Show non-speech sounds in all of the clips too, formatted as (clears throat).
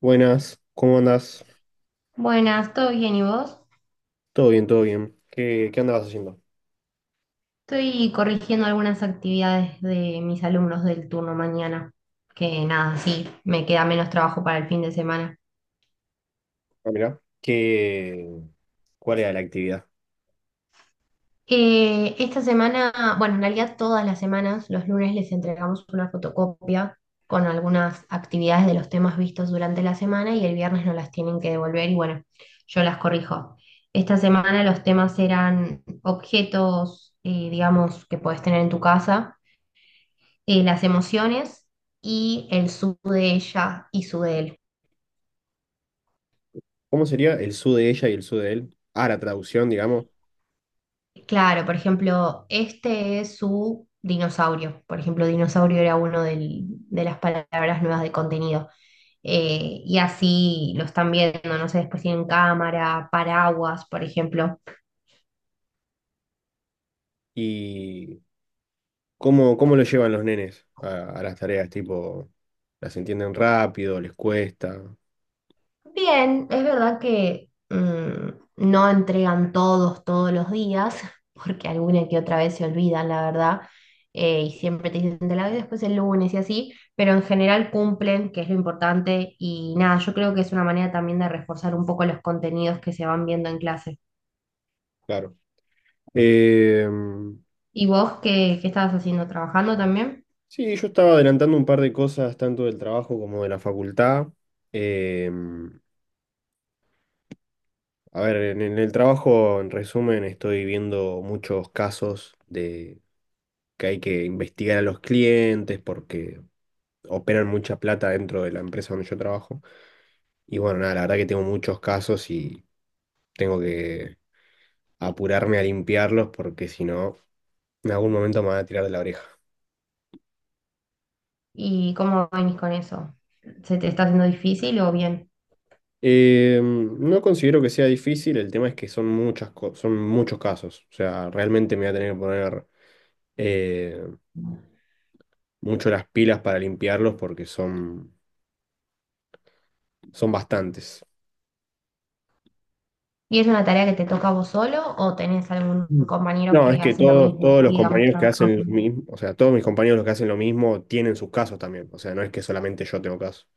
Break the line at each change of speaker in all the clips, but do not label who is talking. Buenas, ¿cómo andás?
Buenas, ¿todo bien y vos?
Todo bien, todo bien. ¿Qué andabas haciendo?
Estoy corrigiendo algunas actividades de mis alumnos del turno mañana, que nada, sí, me queda menos trabajo para el fin de semana.
Ah, mirá. ¿Qué, cuál era la actividad?
Esta semana, bueno, en realidad todas las semanas, los lunes les entregamos una fotocopia con algunas actividades de los temas vistos durante la semana y el viernes nos las tienen que devolver y bueno, yo las corrijo. Esta semana los temas eran objetos, digamos, que podés tener en tu casa las emociones y el su de ella y su de él.
¿Cómo sería el su de ella y el su de él? Ah, la traducción, digamos.
Claro, por ejemplo, este es su dinosaurio. Por ejemplo, dinosaurio era de las palabras nuevas de contenido. Y así lo están viendo, no sé, después tienen cámara, paraguas, por ejemplo.
¿Y cómo lo llevan los nenes a las tareas? Tipo, ¿las entienden rápido? ¿Les cuesta?
Bien, es verdad que no entregan todos todos los días, (laughs) porque alguna que otra vez se olvidan, la verdad, y siempre te dicen te la doy después el lunes y así, pero en general cumplen, que es lo importante, y nada, yo creo que es una manera también de reforzar un poco los contenidos que se van viendo en clase.
Claro. Eh,
¿Y vos qué estabas haciendo? ¿Trabajando también?
sí, yo estaba adelantando un par de cosas, tanto del trabajo como de la facultad. Eh, A ver, en el trabajo, en resumen, estoy viendo muchos casos de que hay que investigar a los clientes porque operan mucha plata dentro de la empresa donde yo trabajo. Y bueno, nada, la verdad que tengo muchos casos y tengo que apurarme a limpiarlos porque si no, en algún momento me van a tirar de la oreja.
¿Y cómo venís con eso? ¿Se te está haciendo difícil o bien?
No considero que sea difícil, el tema es que son muchas, son muchos casos. O sea, realmente me voy a tener que poner... eh, mucho las pilas para limpiarlos porque son, son bastantes.
¿Y es una tarea que te toca a vos solo o tenés algún
Mm.
compañero
No, es
que
que
hace lo
todos,
mismo,
todos los
digamos,
compañeros que
trabajan
hacen lo
juntos?
mismo, o sea, todos mis compañeros los que hacen lo mismo tienen sus casos también. O sea, no es que solamente yo tengo casos.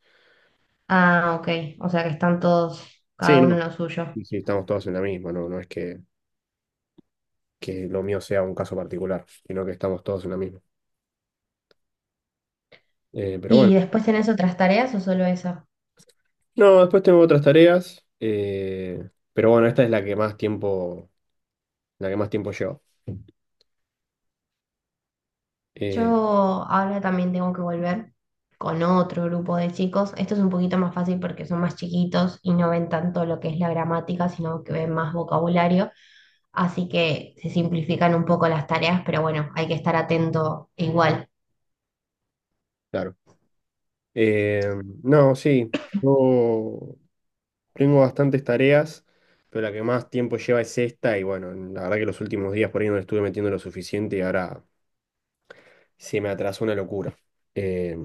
Ah, ok. O sea que están todos, cada
Sí,
uno en
no.
lo suyo.
Sí, sí, estamos todos en la misma, no, no es que lo mío sea un caso particular, sino que estamos todos en la misma. Pero bueno.
¿Y después tenés otras tareas o solo esa?
No, después tengo otras tareas, pero bueno, esta es la que más tiempo, la que más tiempo lleva.
Yo
Eh,
ahora también tengo que volver con otro grupo de chicos. Esto es un poquito más fácil porque son más chiquitos y no ven tanto lo que es la gramática, sino que ven más vocabulario. Así que se simplifican un poco las tareas, pero bueno, hay que estar atento igual.
claro. Eh, no, sí, yo tengo bastantes tareas, pero la que más tiempo lleva es esta y bueno, la verdad que los últimos días por ahí no le estuve metiendo lo suficiente y ahora se me atrasó una locura. Eh,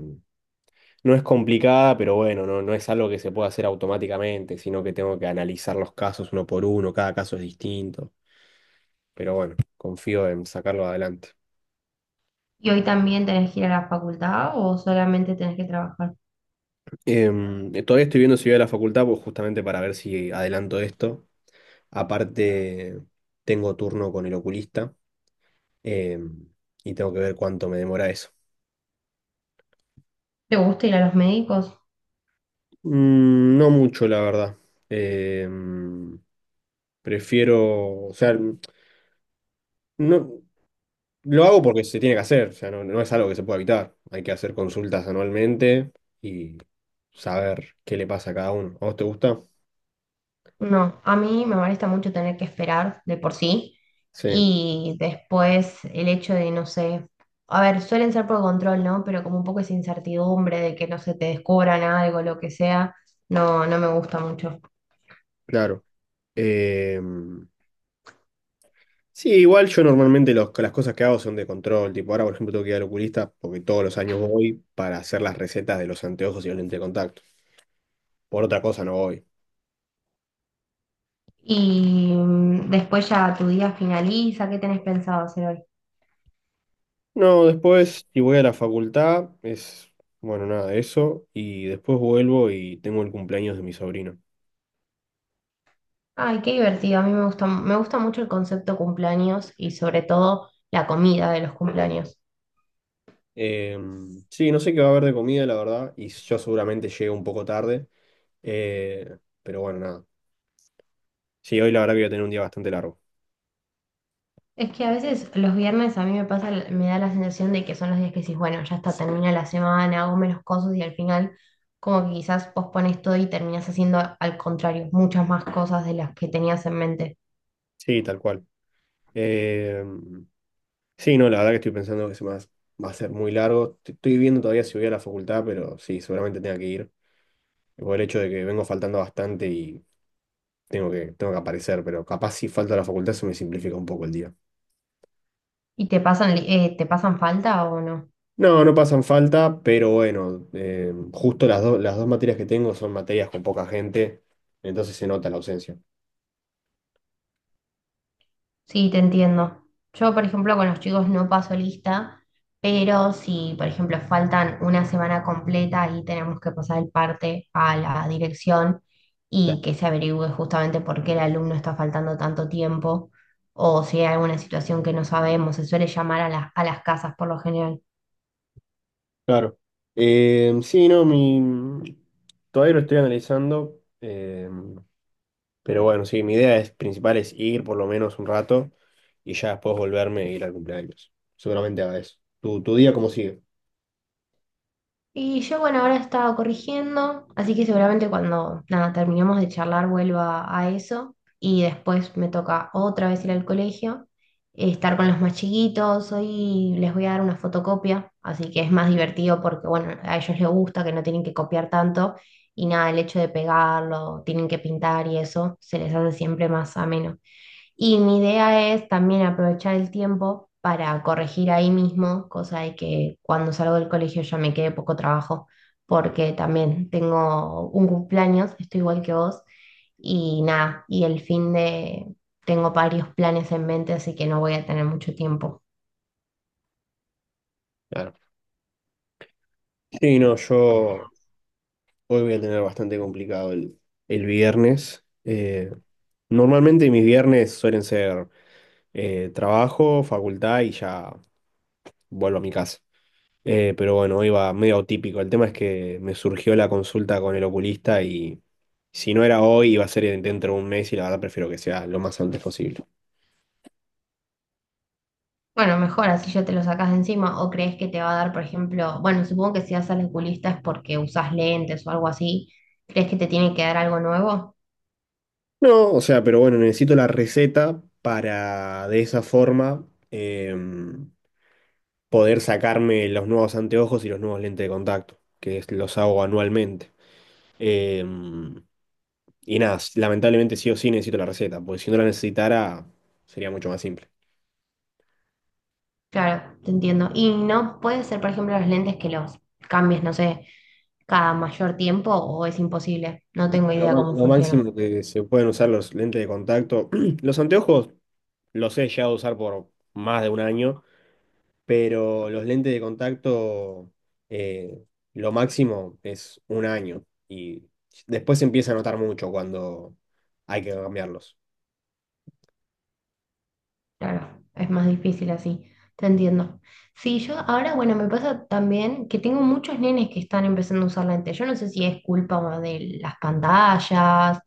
no es complicada, pero bueno, no, no es algo que se pueda hacer automáticamente, sino que tengo que analizar los casos uno por uno, cada caso es distinto, pero bueno, confío en sacarlo adelante.
¿Y hoy también tenés que ir a la facultad o solamente tenés que trabajar?
Todavía estoy viendo si voy a la facultad, pues justamente para ver si adelanto esto. Aparte, tengo turno con el oculista em, y tengo que ver cuánto me demora eso.
¿Te gusta ir a los médicos?
Mm, no mucho, la verdad. Em, prefiero, o sea, no, lo hago porque se tiene que hacer, o sea, no, no es algo que se pueda evitar. Hay que hacer consultas anualmente y saber qué le pasa a cada uno. ¿A vos te gusta?
No, a mí me molesta mucho tener que esperar de por sí
Sí,
y después el hecho de, no sé, a ver, suelen ser por control, ¿no? Pero como un poco esa incertidumbre de que no se te descubran algo, lo que sea, no, no me gusta mucho.
claro. Em, Sí, igual yo normalmente las cosas que hago son de control. Tipo, ahora por ejemplo tengo que ir al oculista porque todos los años voy para hacer las recetas de los anteojos y los lentes de contacto. Por otra cosa no voy.
Y después ya tu día finaliza, ¿qué tenés pensado hacer hoy?
No, después si voy a la facultad es, bueno, nada de eso. Y después vuelvo y tengo el cumpleaños de mi sobrino.
Ay, qué divertido. A mí me gusta mucho el concepto cumpleaños y sobre todo la comida de los cumpleaños.
Eh, sí, no sé qué va a haber de comida, la verdad. Y yo seguramente llego un poco tarde. Eh, pero bueno, nada. Sí, hoy la verdad que voy a tener un día bastante largo.
Es que a veces los viernes a mí me pasa, me da la sensación de que son los días que decís, bueno, ya está, termina la semana, hago menos cosas y al final como que quizás pospones todo y terminas haciendo al contrario, muchas más cosas de las que tenías en mente.
Sí, tal cual. Em, Sí, no, la verdad que estoy pensando que se me va a ser muy largo. Estoy viendo todavía si voy a la facultad, pero sí, seguramente tenga que ir. Por el hecho de que vengo faltando bastante y tengo que aparecer, pero capaz si falta a la facultad se me simplifica un poco el día.
¿Y te te pasan falta o no?
No, no pasan falta, pero bueno, justo las, las dos materias que tengo son materias con poca gente, entonces se nota la ausencia.
Sí, te entiendo. Yo, por ejemplo, con los chicos no paso lista, pero si, por ejemplo, faltan una semana completa, ahí tenemos que pasar el parte a la dirección
Ya,
y que se averigüe justamente por qué el alumno está faltando tanto tiempo o si hay alguna situación que no sabemos. Se suele llamar a a las casas por lo general.
claro. Sí, no, mi... todavía lo estoy analizando. Pero bueno, sí, mi idea es, principal es ir por lo menos un rato y ya después volverme e ir al cumpleaños. Seguramente haga eso. ¿Tu día cómo sigue?
Y yo, bueno, ahora estaba corrigiendo, así que seguramente cuando nada, terminemos de charlar vuelva a eso y después me toca otra vez ir al colegio, estar con los más chiquitos, hoy les voy a dar una fotocopia, así que es más divertido porque, bueno, a ellos les gusta que no tienen que copiar tanto y nada, el hecho de pegarlo, tienen que pintar y eso, se les hace siempre más ameno. Y mi idea es también aprovechar el tiempo para corregir ahí mismo, cosa de que cuando salgo del colegio ya me quede poco trabajo, porque también tengo un cumpleaños, estoy igual que vos, y nada, y el fin de tengo varios planes en mente, así que no voy a tener mucho tiempo.
Claro. Sí, no, yo hoy voy a tener bastante complicado el viernes. Normalmente mis viernes suelen ser trabajo, facultad y ya vuelvo a mi casa. Pero bueno, iba medio atípico. El tema es que me surgió la consulta con el oculista y si no era hoy, iba a ser dentro de un mes y la verdad prefiero que sea lo más antes posible.
Bueno, mejor así ya te lo sacas de encima, o crees que te va a dar, por ejemplo, bueno, supongo que si vas al oculista es porque usas lentes o algo así, ¿crees que te tiene que dar algo nuevo?
No, o sea, pero bueno, necesito la receta para de esa forma poder sacarme los nuevos anteojos y los nuevos lentes de contacto, los hago anualmente. Em, y nada, lamentablemente sí o sí necesito la receta, porque si no la necesitara sería mucho más simple.
Claro, te entiendo. Y no puede ser, por ejemplo, los lentes que los cambies, no sé, cada mayor tiempo o es imposible. No tengo idea cómo
Lo
funciona.
máximo que se pueden usar los lentes de contacto. (clears throat) Los anteojos los he llegado a usar por más de un año, pero los lentes de contacto, eh, lo máximo es un año. Y después se empieza a notar mucho cuando hay que cambiarlos.
Claro, es más difícil así. Te entiendo. Sí, yo ahora, bueno, me pasa también que tengo muchos nenes que están empezando a usar lentes. Yo no sé si es culpa de las pantallas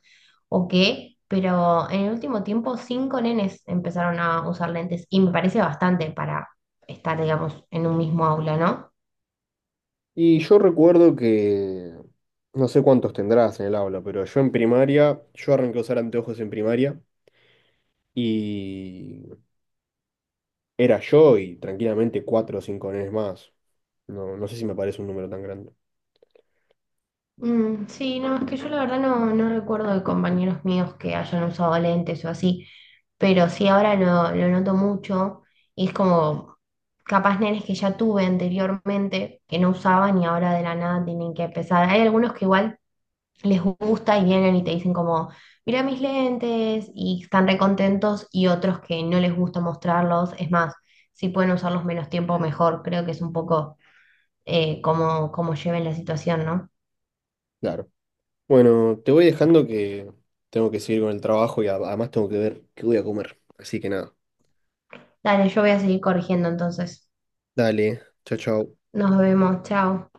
o qué, pero en el último tiempo 5 nenes empezaron a usar lentes y me parece bastante para estar, digamos, en un mismo aula, ¿no?
Y yo recuerdo que, no sé cuántos tendrás en el aula, pero yo en primaria, yo arranqué a usar anteojos en primaria. Y era yo y tranquilamente cuatro o cinco nenes más. No, no sé si me parece un número tan grande.
Mm, sí, no, es que yo la verdad no, no recuerdo de compañeros míos que hayan usado lentes o así, pero sí ahora lo noto mucho y es como capaz nenes que ya tuve anteriormente que no usaban y ahora de la nada tienen que empezar. Hay algunos que igual les gusta y vienen y te dicen como, mira mis lentes y están recontentos y otros que no les gusta mostrarlos, es más, si pueden usarlos menos tiempo mejor, creo que es un poco como lleven la situación, ¿no?
Claro. Bueno, te voy dejando que tengo que seguir con el trabajo y además tengo que ver qué voy a comer. Así que nada.
Dale, yo voy a seguir corrigiendo entonces.
Dale. Chao, chao.
Nos vemos, chao.